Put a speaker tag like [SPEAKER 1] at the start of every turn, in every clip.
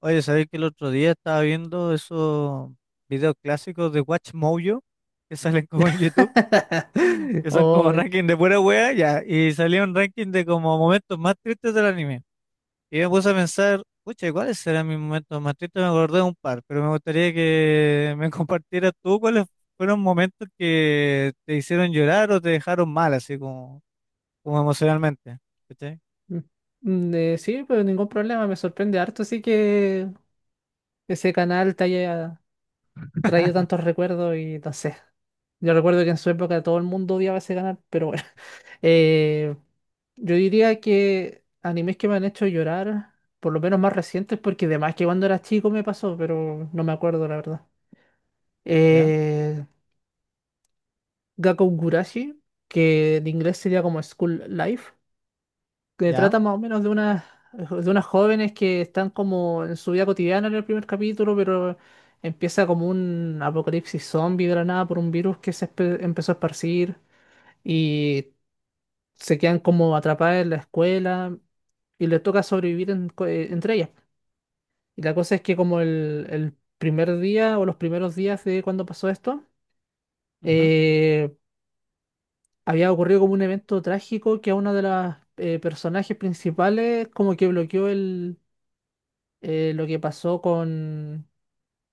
[SPEAKER 1] Oye, ¿sabéis que el otro día estaba viendo esos videos clásicos de WatchMojo que salen como en YouTube, que son como
[SPEAKER 2] Ay,
[SPEAKER 1] ranking de pura wea, ya, y salía un ranking de como momentos más tristes del anime. Y me puse a pensar, pucha, ¿cuáles serán mis momentos más tristes? Me acordé de un par, pero me gustaría que me compartieras tú cuáles fueron momentos que te hicieron llorar o te dejaron mal, así como emocionalmente. ¿Cachai?
[SPEAKER 2] sí, pero ningún problema, me sorprende harto, así que ese canal te haya traído tantos recuerdos y no sé. Yo recuerdo que en su época todo el mundo odiaba ese canal, pero bueno. Eh, yo diría que animes que me han hecho llorar, por lo menos más recientes, porque de más que cuando era chico me pasó, pero no me acuerdo la verdad.
[SPEAKER 1] ¿Ya?
[SPEAKER 2] Eh, Gakkou Gurashi, que en inglés sería como School Life, que
[SPEAKER 1] ¿Ya?
[SPEAKER 2] trata más o menos de unas jóvenes que están como en su vida cotidiana en el primer capítulo, pero empieza como un apocalipsis zombie de la nada por un virus que se empezó a esparcir y se quedan como atrapadas en la escuela y les toca sobrevivir entre ellas. Y la cosa es que como el primer día o los primeros días de cuando pasó esto,
[SPEAKER 1] Ujú.
[SPEAKER 2] eh, había ocurrido como un evento trágico que a una de las personajes principales como que bloqueó el lo que pasó con...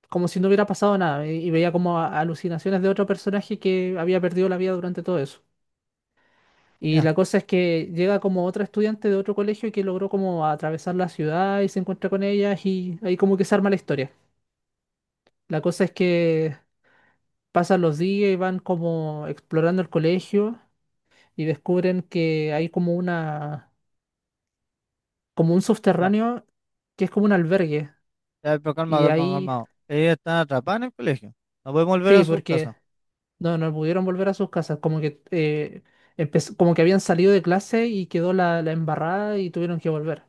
[SPEAKER 2] como si no hubiera pasado nada, y veía como alucinaciones de otro personaje que había perdido la vida durante todo eso. Y
[SPEAKER 1] ¿Ya?
[SPEAKER 2] la cosa es que llega como otra estudiante de otro colegio que logró como atravesar la ciudad y se encuentra con ellas y ahí como que se arma la historia. La cosa es que pasan los días y van como explorando el colegio y descubren que hay como como un subterráneo que es como un albergue.
[SPEAKER 1] Ya, pero calma,
[SPEAKER 2] Y
[SPEAKER 1] calma,
[SPEAKER 2] ahí,
[SPEAKER 1] calma. Ellos están atrapados en el colegio. No pueden volver a
[SPEAKER 2] sí,
[SPEAKER 1] su
[SPEAKER 2] porque
[SPEAKER 1] casa.
[SPEAKER 2] no pudieron volver a sus casas, como que como que habían salido de clase y quedó la embarrada y tuvieron que volver.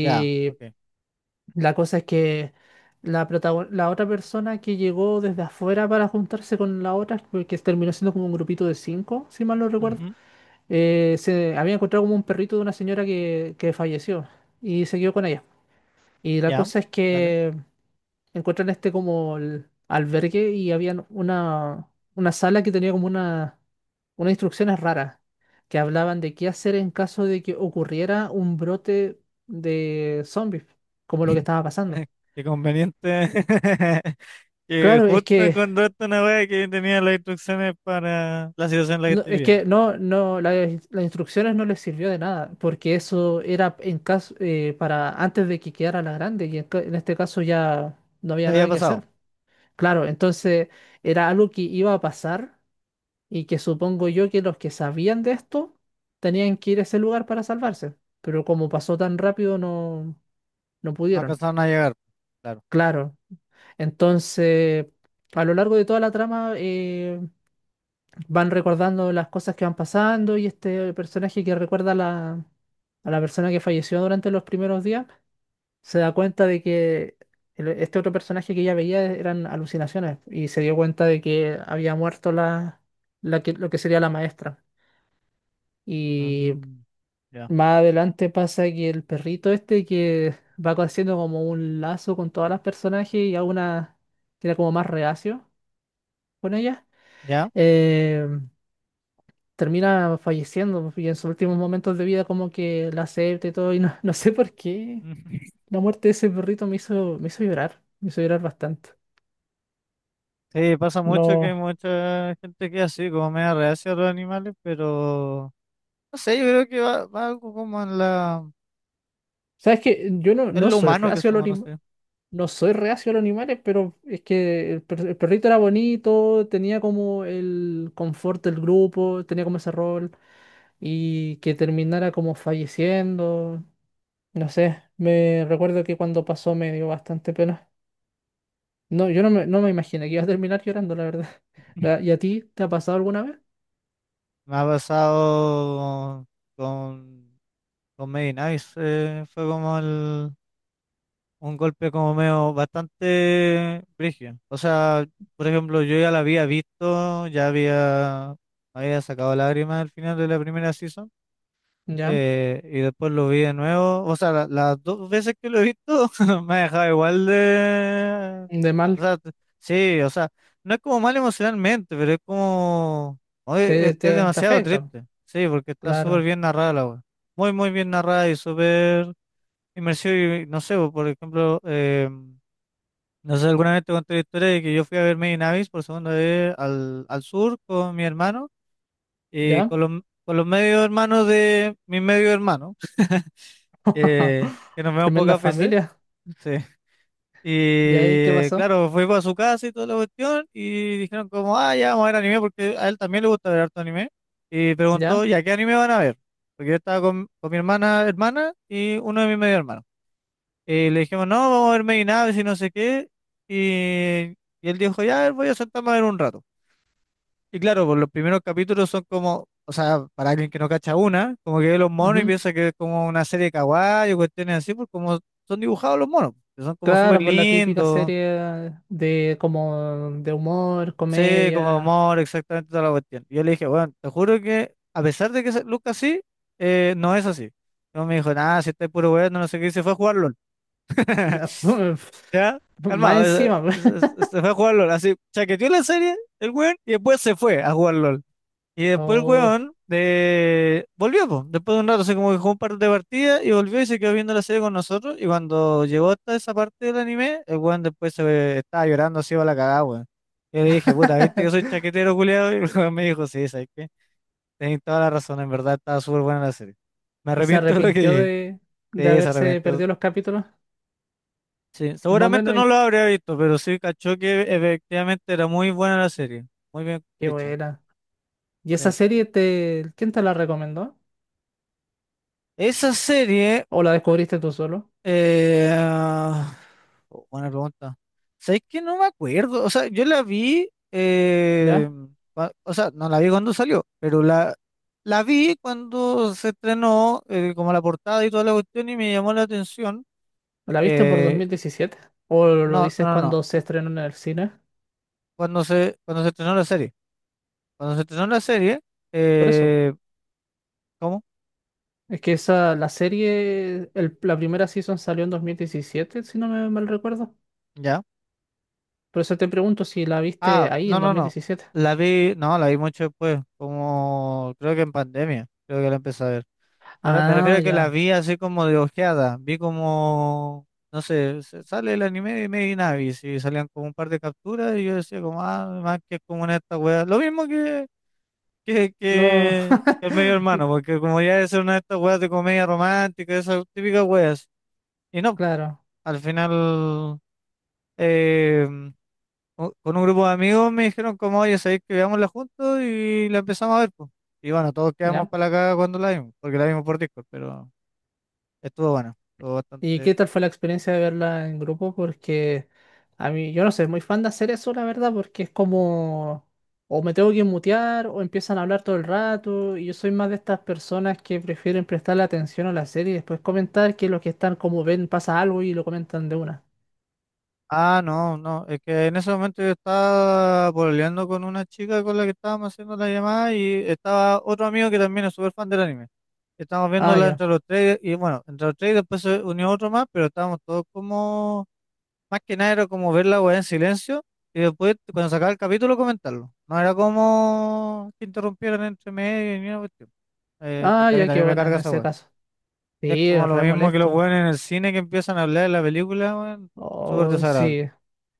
[SPEAKER 1] Ya, ok.
[SPEAKER 2] la cosa es que la otra persona que llegó desde afuera para juntarse con la otra, que terminó siendo como un grupito de cinco, si mal no recuerdo,
[SPEAKER 1] Ujú.
[SPEAKER 2] se había encontrado como un perrito de una señora que falleció y se quedó con ella. Y la
[SPEAKER 1] Ya,
[SPEAKER 2] cosa es
[SPEAKER 1] dale.
[SPEAKER 2] que encontré en este como el albergue y había una sala que tenía como unas instrucciones raras que hablaban de qué hacer en caso de que ocurriera un brote de zombies, como lo que estaba pasando.
[SPEAKER 1] Qué conveniente que
[SPEAKER 2] Claro, es
[SPEAKER 1] justo
[SPEAKER 2] que
[SPEAKER 1] encontraste una wea que tenía las instrucciones para la situación en la que
[SPEAKER 2] no,
[SPEAKER 1] estoy
[SPEAKER 2] es
[SPEAKER 1] viviendo.
[SPEAKER 2] que no, no, las instrucciones no les sirvió de nada, porque eso era en caso para antes de que quedara la grande, y en este caso ya no
[SPEAKER 1] Ya
[SPEAKER 2] había
[SPEAKER 1] había
[SPEAKER 2] nada que
[SPEAKER 1] pasado.
[SPEAKER 2] hacer. Claro, entonces era algo que iba a pasar y que supongo yo que los que sabían de esto tenían que ir a ese lugar para salvarse, pero como pasó tan rápido no, no
[SPEAKER 1] No
[SPEAKER 2] pudieron.
[SPEAKER 1] alcanzaron a llegar. Claro.
[SPEAKER 2] Claro, entonces a lo largo de toda la trama van recordando las cosas que van pasando y este personaje que recuerda a la persona que falleció durante los primeros días se da cuenta de que este otro personaje que ella veía eran alucinaciones y se dio cuenta de que había muerto lo que sería la maestra. Y
[SPEAKER 1] Mm. Ya,
[SPEAKER 2] más adelante pasa que el perrito este que va haciendo como un lazo con todas las personajes y alguna que era como más reacio con ella,
[SPEAKER 1] ya.
[SPEAKER 2] eh, termina falleciendo y en sus últimos momentos de vida como que la acepta y todo y no, no sé por qué la muerte de ese perrito me hizo llorar, me hizo llorar bastante.
[SPEAKER 1] Sí, pasa mucho que hay
[SPEAKER 2] No,
[SPEAKER 1] mucha gente que es así, como media reacia a los animales, pero no sé, yo creo que va algo como en la...
[SPEAKER 2] sabes que yo no,
[SPEAKER 1] Es
[SPEAKER 2] no
[SPEAKER 1] lo
[SPEAKER 2] soy
[SPEAKER 1] humano que
[SPEAKER 2] reacio
[SPEAKER 1] somos, no sé.
[SPEAKER 2] no soy reacio a los animales, pero es que el perrito era bonito, tenía como el confort del grupo, tenía como ese rol, y que terminara como falleciendo, no sé, me recuerdo que cuando pasó me dio bastante pena. No, yo no me imaginé que ibas a terminar llorando, la verdad. La- ¿Y a ti te ha pasado alguna vez?
[SPEAKER 1] Me ha pasado con, con Made in Abyss. Fue como un golpe como medio bastante brígido. O sea, por ejemplo, yo ya la había visto, ya había sacado lágrimas al final de la primera season.
[SPEAKER 2] ¿Ya?
[SPEAKER 1] Y después lo vi de nuevo. O sea, las dos veces que lo he visto me ha dejado igual de...
[SPEAKER 2] De
[SPEAKER 1] O
[SPEAKER 2] mal,
[SPEAKER 1] sea, sí, o sea, no es como mal emocionalmente, pero es como... oye, es,
[SPEAKER 2] te,
[SPEAKER 1] es
[SPEAKER 2] te, te
[SPEAKER 1] demasiado
[SPEAKER 2] afecta,
[SPEAKER 1] triste. Sí, porque está súper
[SPEAKER 2] claro,
[SPEAKER 1] bien narrada la wea. Muy, muy bien narrada y súper inmersiva. Y no sé, po, por ejemplo, no sé, alguna vez te conté la historia de que yo fui a ver Made in Abyss por segunda vez al sur con mi hermano y
[SPEAKER 2] ¿ya?
[SPEAKER 1] con los medio hermanos de mi medio hermano, que nos vemos
[SPEAKER 2] Tremenda
[SPEAKER 1] pocas veces.
[SPEAKER 2] familia,
[SPEAKER 1] Sí.
[SPEAKER 2] ¿y ahí qué
[SPEAKER 1] Y
[SPEAKER 2] pasó?
[SPEAKER 1] claro, fui para su casa y toda la cuestión y dijeron como, ah, ya vamos a ver anime porque a él también le gusta ver harto anime. Y preguntó,
[SPEAKER 2] ¿Ya?
[SPEAKER 1] ya, ¿qué anime van a ver? Porque yo estaba con mi hermana y uno de mis medio hermanos. Y le dijimos, no, vamos a ver Made in Abyss y no sé qué. Y, y él dijo, ya, a ver, voy a sentarme a ver un rato. Y claro, por los primeros capítulos son como, o sea, para alguien que no cacha una, como que ve los monos y
[SPEAKER 2] Ujú.
[SPEAKER 1] piensa que es como una serie de kawaii o cuestiones así, pues como son dibujados los monos, que son como súper
[SPEAKER 2] Claro, pues la típica
[SPEAKER 1] lindos,
[SPEAKER 2] serie de como de humor,
[SPEAKER 1] sé como
[SPEAKER 2] comedia.
[SPEAKER 1] amor, exactamente toda la cuestión. Y yo le dije, bueno, te juro que a pesar de que se luzca así, no es así. No me dijo, nada, si está puro weón, no sé qué, y se fue a jugar LOL. ¿Ya?
[SPEAKER 2] Más
[SPEAKER 1] Calmado,
[SPEAKER 2] encima.
[SPEAKER 1] se, se- se- se fue a jugar LOL, así, chaqueteó la serie, el weón, y después se fue a jugar LOL. Y después el
[SPEAKER 2] Oh.
[SPEAKER 1] weón de... volvió, po. Después de un rato, así como que jugó un par de partidas y volvió y se quedó viendo la serie con nosotros. Y cuando llegó hasta esa parte del anime, el weón después estaba llorando así para la cagada, weón. Yo le dije, puta, ¿viste que soy chaquetero, culiado? Y el weón me dijo, sí, ¿sabes qué? Tenés toda la razón, en verdad estaba súper buena la serie. Me
[SPEAKER 2] Y se
[SPEAKER 1] arrepiento de lo que
[SPEAKER 2] arrepintió
[SPEAKER 1] dije.
[SPEAKER 2] de
[SPEAKER 1] Sí, se
[SPEAKER 2] haberse
[SPEAKER 1] arrepintió.
[SPEAKER 2] perdido los capítulos.
[SPEAKER 1] Sí,
[SPEAKER 2] Más o
[SPEAKER 1] seguramente
[SPEAKER 2] menos,
[SPEAKER 1] no
[SPEAKER 2] y
[SPEAKER 1] lo habría visto, pero sí cachó que efectivamente era muy buena la serie. Muy bien
[SPEAKER 2] qué
[SPEAKER 1] hecha.
[SPEAKER 2] buena. ¿Y esa
[SPEAKER 1] Sí.
[SPEAKER 2] serie te, quién te la recomendó?
[SPEAKER 1] Esa serie...
[SPEAKER 2] ¿O la descubriste tú solo?
[SPEAKER 1] Ah, oh, buena pregunta. ¿Sabes que no me acuerdo? O sea, yo la vi,
[SPEAKER 2] ¿Ya?
[SPEAKER 1] o sea, no la vi cuando salió, pero la vi cuando se estrenó, como la portada y toda la cuestión, y me llamó la atención.
[SPEAKER 2] ¿La viste por dos
[SPEAKER 1] Eh,
[SPEAKER 2] mil diecisiete o lo
[SPEAKER 1] no, no,
[SPEAKER 2] dices
[SPEAKER 1] no, no.
[SPEAKER 2] cuando se estrenó en el cine?
[SPEAKER 1] Cuando se estrenó la serie. Cuando se estrenó la serie,
[SPEAKER 2] Por eso.
[SPEAKER 1] eh, ¿cómo?
[SPEAKER 2] Es que esa, la serie, el- la primera season salió en 2017 si no me mal recuerdo.
[SPEAKER 1] ¿Ya?
[SPEAKER 2] Por eso te pregunto si la viste
[SPEAKER 1] Ah,
[SPEAKER 2] ahí
[SPEAKER 1] no,
[SPEAKER 2] en dos
[SPEAKER 1] no,
[SPEAKER 2] mil
[SPEAKER 1] no.
[SPEAKER 2] diecisiete
[SPEAKER 1] La vi, no, la vi mucho después, como creo que en pandemia, creo que la empecé a ver. Me refiero
[SPEAKER 2] Ah,
[SPEAKER 1] a que las
[SPEAKER 2] ya.
[SPEAKER 1] vi así como de ojeada. Vi como, no sé, sale el anime de Made in Abyss y salían como un par de capturas y yo decía como, ah, más que es como una de estas weas. Lo mismo que, que,
[SPEAKER 2] Lo...
[SPEAKER 1] que que el medio hermano, porque como ya es una de estas weas de comedia romántica, esas típicas weas. Y no,
[SPEAKER 2] Claro,
[SPEAKER 1] al final, eh, con un grupo de amigos me dijeron como, oye, sabéis que veámosla juntos y la empezamos a ver, pues. Y bueno, todos quedamos
[SPEAKER 2] ya.
[SPEAKER 1] para la caga cuando la vimos, porque la vimos por Discord, pero... Estuvo bueno, estuvo
[SPEAKER 2] ¿Y
[SPEAKER 1] bastante.
[SPEAKER 2] qué tal fue la experiencia de verla en grupo? Porque a mí, yo no sé, muy fan de hacer eso, la verdad, porque es como, o me tengo que mutear, o empiezan a hablar todo el rato, y yo soy más de estas personas que prefieren prestarle atención a la serie y después comentar que los que están como ven pasa algo y lo comentan de una.
[SPEAKER 1] Ah, no, no, es que en ese momento yo estaba pololeando con una chica con la que estábamos haciendo la llamada y estaba otro amigo que también es súper fan del anime. Estábamos
[SPEAKER 2] Ah,
[SPEAKER 1] viéndola
[SPEAKER 2] ya.
[SPEAKER 1] entre los tres y bueno, entre los tres y después se unió otro más, pero estábamos todos como, más que nada era como ver la weá en silencio y después cuando sacaba el capítulo comentarlo. No era como que interrumpieran entre medio y ni una cuestión,
[SPEAKER 2] Ah,
[SPEAKER 1] porque a mí
[SPEAKER 2] ya, qué
[SPEAKER 1] también me
[SPEAKER 2] buena
[SPEAKER 1] carga
[SPEAKER 2] en
[SPEAKER 1] esa
[SPEAKER 2] ese
[SPEAKER 1] weá.
[SPEAKER 2] caso.
[SPEAKER 1] Es
[SPEAKER 2] Sí,
[SPEAKER 1] como
[SPEAKER 2] es
[SPEAKER 1] lo
[SPEAKER 2] re
[SPEAKER 1] mismo que los
[SPEAKER 2] molesto.
[SPEAKER 1] weones en el cine que empiezan a hablar de la película, weón. Súper
[SPEAKER 2] Oh,
[SPEAKER 1] desagradable,
[SPEAKER 2] sí.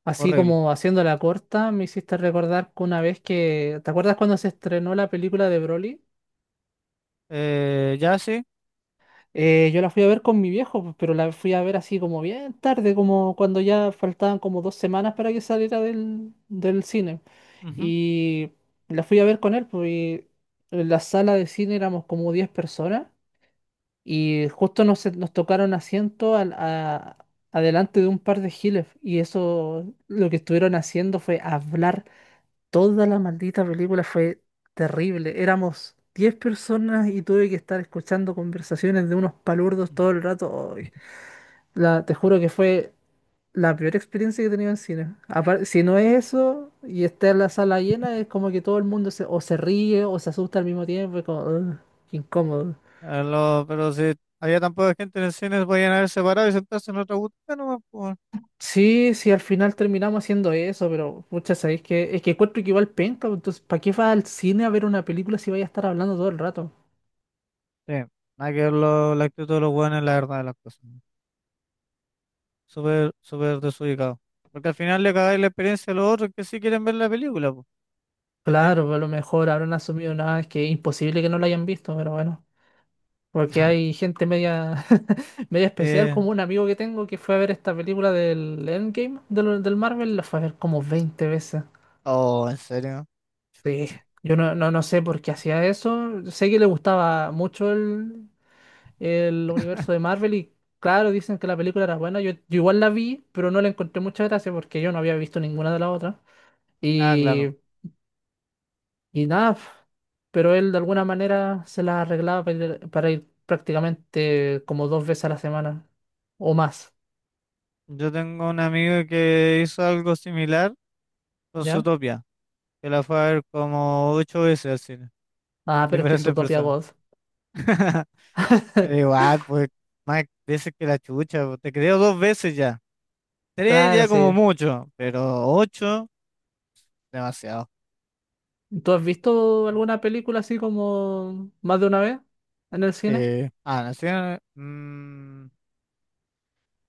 [SPEAKER 2] Así
[SPEAKER 1] horrible.
[SPEAKER 2] como haciendo la corta, me hiciste recordar que una vez que. ¿Te acuerdas cuando se estrenó la película de Broly?
[SPEAKER 1] Ya, sí.
[SPEAKER 2] Yo la fui a ver con mi viejo, pues, pero la fui a ver así como bien tarde, como cuando ya faltaban como 2 semanas para que saliera del cine.
[SPEAKER 1] Ujú.
[SPEAKER 2] Y la fui a ver con él, pues, y en la sala de cine éramos como 10 personas. Y justo nos tocaron asiento adelante de un par de giles. Y eso lo que estuvieron haciendo fue hablar toda la maldita película. Fue terrible. Éramos 10 personas y tuve que estar escuchando conversaciones de unos palurdos todo el rato. Ay, te juro que fue la peor experiencia que he tenido en cine. Apar- si no es eso y está en la sala llena, es como que todo el mundo se, o se ríe o se asusta al mismo tiempo. Es como, "Ugh, qué incómodo".
[SPEAKER 1] Pero si había tan poca gente en el cine, se podían haber separado y sentarse en otra butaca nomás, po, weón.
[SPEAKER 2] Sí, sí, al final terminamos haciendo eso, pero pucha, sabéis que es que encuentro que igual penca, pues, entonces, ¿para qué vas al cine a ver una película si vais a estar hablando todo el rato?
[SPEAKER 1] Sí, nada que ver la actitud de los weones, la verdad de las cosas, weón. Súper, súper desubicado. Porque al final le cagáis la experiencia a los otros que sí quieren ver la película, po, ¿cachai?
[SPEAKER 2] Claro, pues, a lo mejor habrán asumido nada, es que es imposible que no lo hayan visto, pero bueno, porque hay gente media, media especial,
[SPEAKER 1] Eh,
[SPEAKER 2] como un amigo que tengo que fue a ver esta película del Endgame, del Marvel, la fue a ver como 20 veces.
[SPEAKER 1] oh, ¿en serio?
[SPEAKER 2] Sí, yo no sé por qué hacía eso, sé que le gustaba mucho el universo de Marvel y claro, dicen que la película era buena. Yo igual la vi, pero no la encontré mucha gracia porque yo no había visto ninguna de las otras.
[SPEAKER 1] Ah, claro.
[SPEAKER 2] Y, y nada, pf, pero él de alguna manera se la arreglaba para ir, prácticamente como dos veces a la semana o más,
[SPEAKER 1] Yo tengo un amigo que hizo algo similar con su
[SPEAKER 2] ¿ya?
[SPEAKER 1] que la fue a ver como ocho veces al cine,
[SPEAKER 2] Ah,
[SPEAKER 1] con
[SPEAKER 2] pero es que es
[SPEAKER 1] diferentes
[SPEAKER 2] Utopia
[SPEAKER 1] personas.
[SPEAKER 2] God.
[SPEAKER 1] Pero igual, pues, más veces que la chucha, pues, te creo dos veces ya. Tres
[SPEAKER 2] Claro,
[SPEAKER 1] ya como
[SPEAKER 2] sí.
[SPEAKER 1] mucho, pero ocho, demasiado.
[SPEAKER 2] ¿Tú has visto alguna película así como más de una vez en el cine?
[SPEAKER 1] Sí. Ah, no sé, mm,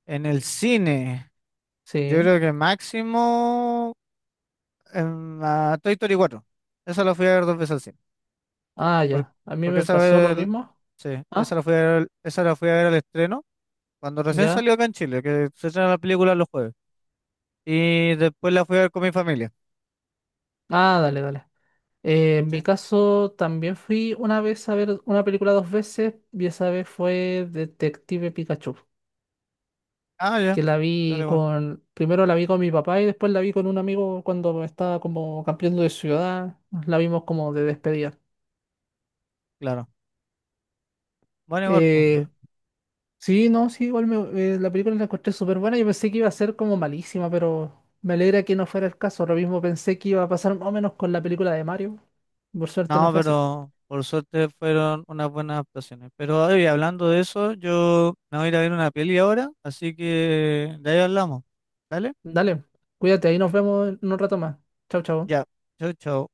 [SPEAKER 1] en el cine, yo
[SPEAKER 2] Sí.
[SPEAKER 1] creo que máximo en la Toy Story 4. Esa la fui a ver dos veces al cine.
[SPEAKER 2] Ah,
[SPEAKER 1] por-
[SPEAKER 2] ya. A mí
[SPEAKER 1] Porque
[SPEAKER 2] me
[SPEAKER 1] esa
[SPEAKER 2] pasó lo mismo.
[SPEAKER 1] sí,
[SPEAKER 2] Ah,
[SPEAKER 1] esa la fui a ver al estreno, cuando recién
[SPEAKER 2] ya.
[SPEAKER 1] salió acá en Chile, que se estrena la película los jueves. Y después la fui a ver con mi familia.
[SPEAKER 2] Ah, dale, dale. En
[SPEAKER 1] ¿Sí?
[SPEAKER 2] mi caso también fui una vez a ver una película dos veces y esa vez fue Detective Pikachu,
[SPEAKER 1] Ah, ya.
[SPEAKER 2] que la
[SPEAKER 1] Yo le
[SPEAKER 2] vi
[SPEAKER 1] igual,
[SPEAKER 2] con, primero la vi con mi papá y después la vi con un amigo cuando estaba como cambiando de ciudad, la vimos como de despedida.
[SPEAKER 1] claro. Bueno, igual, pues.
[SPEAKER 2] Eh, sí, no, sí, igual la película la encontré súper buena, yo pensé que iba a ser como malísima, pero me alegra que no fuera el caso, lo mismo pensé que iba a pasar más o menos con la película de Mario, por suerte no
[SPEAKER 1] No,
[SPEAKER 2] fue así.
[SPEAKER 1] pero por suerte fueron unas buenas actuaciones. Pero oye, hablando de eso, yo me voy a ir a ver una peli ahora, así que de ahí hablamos. Vale.
[SPEAKER 2] Dale, cuídate, ahí nos vemos en un rato más. Chao, chao.
[SPEAKER 1] Ya. Chau, chau.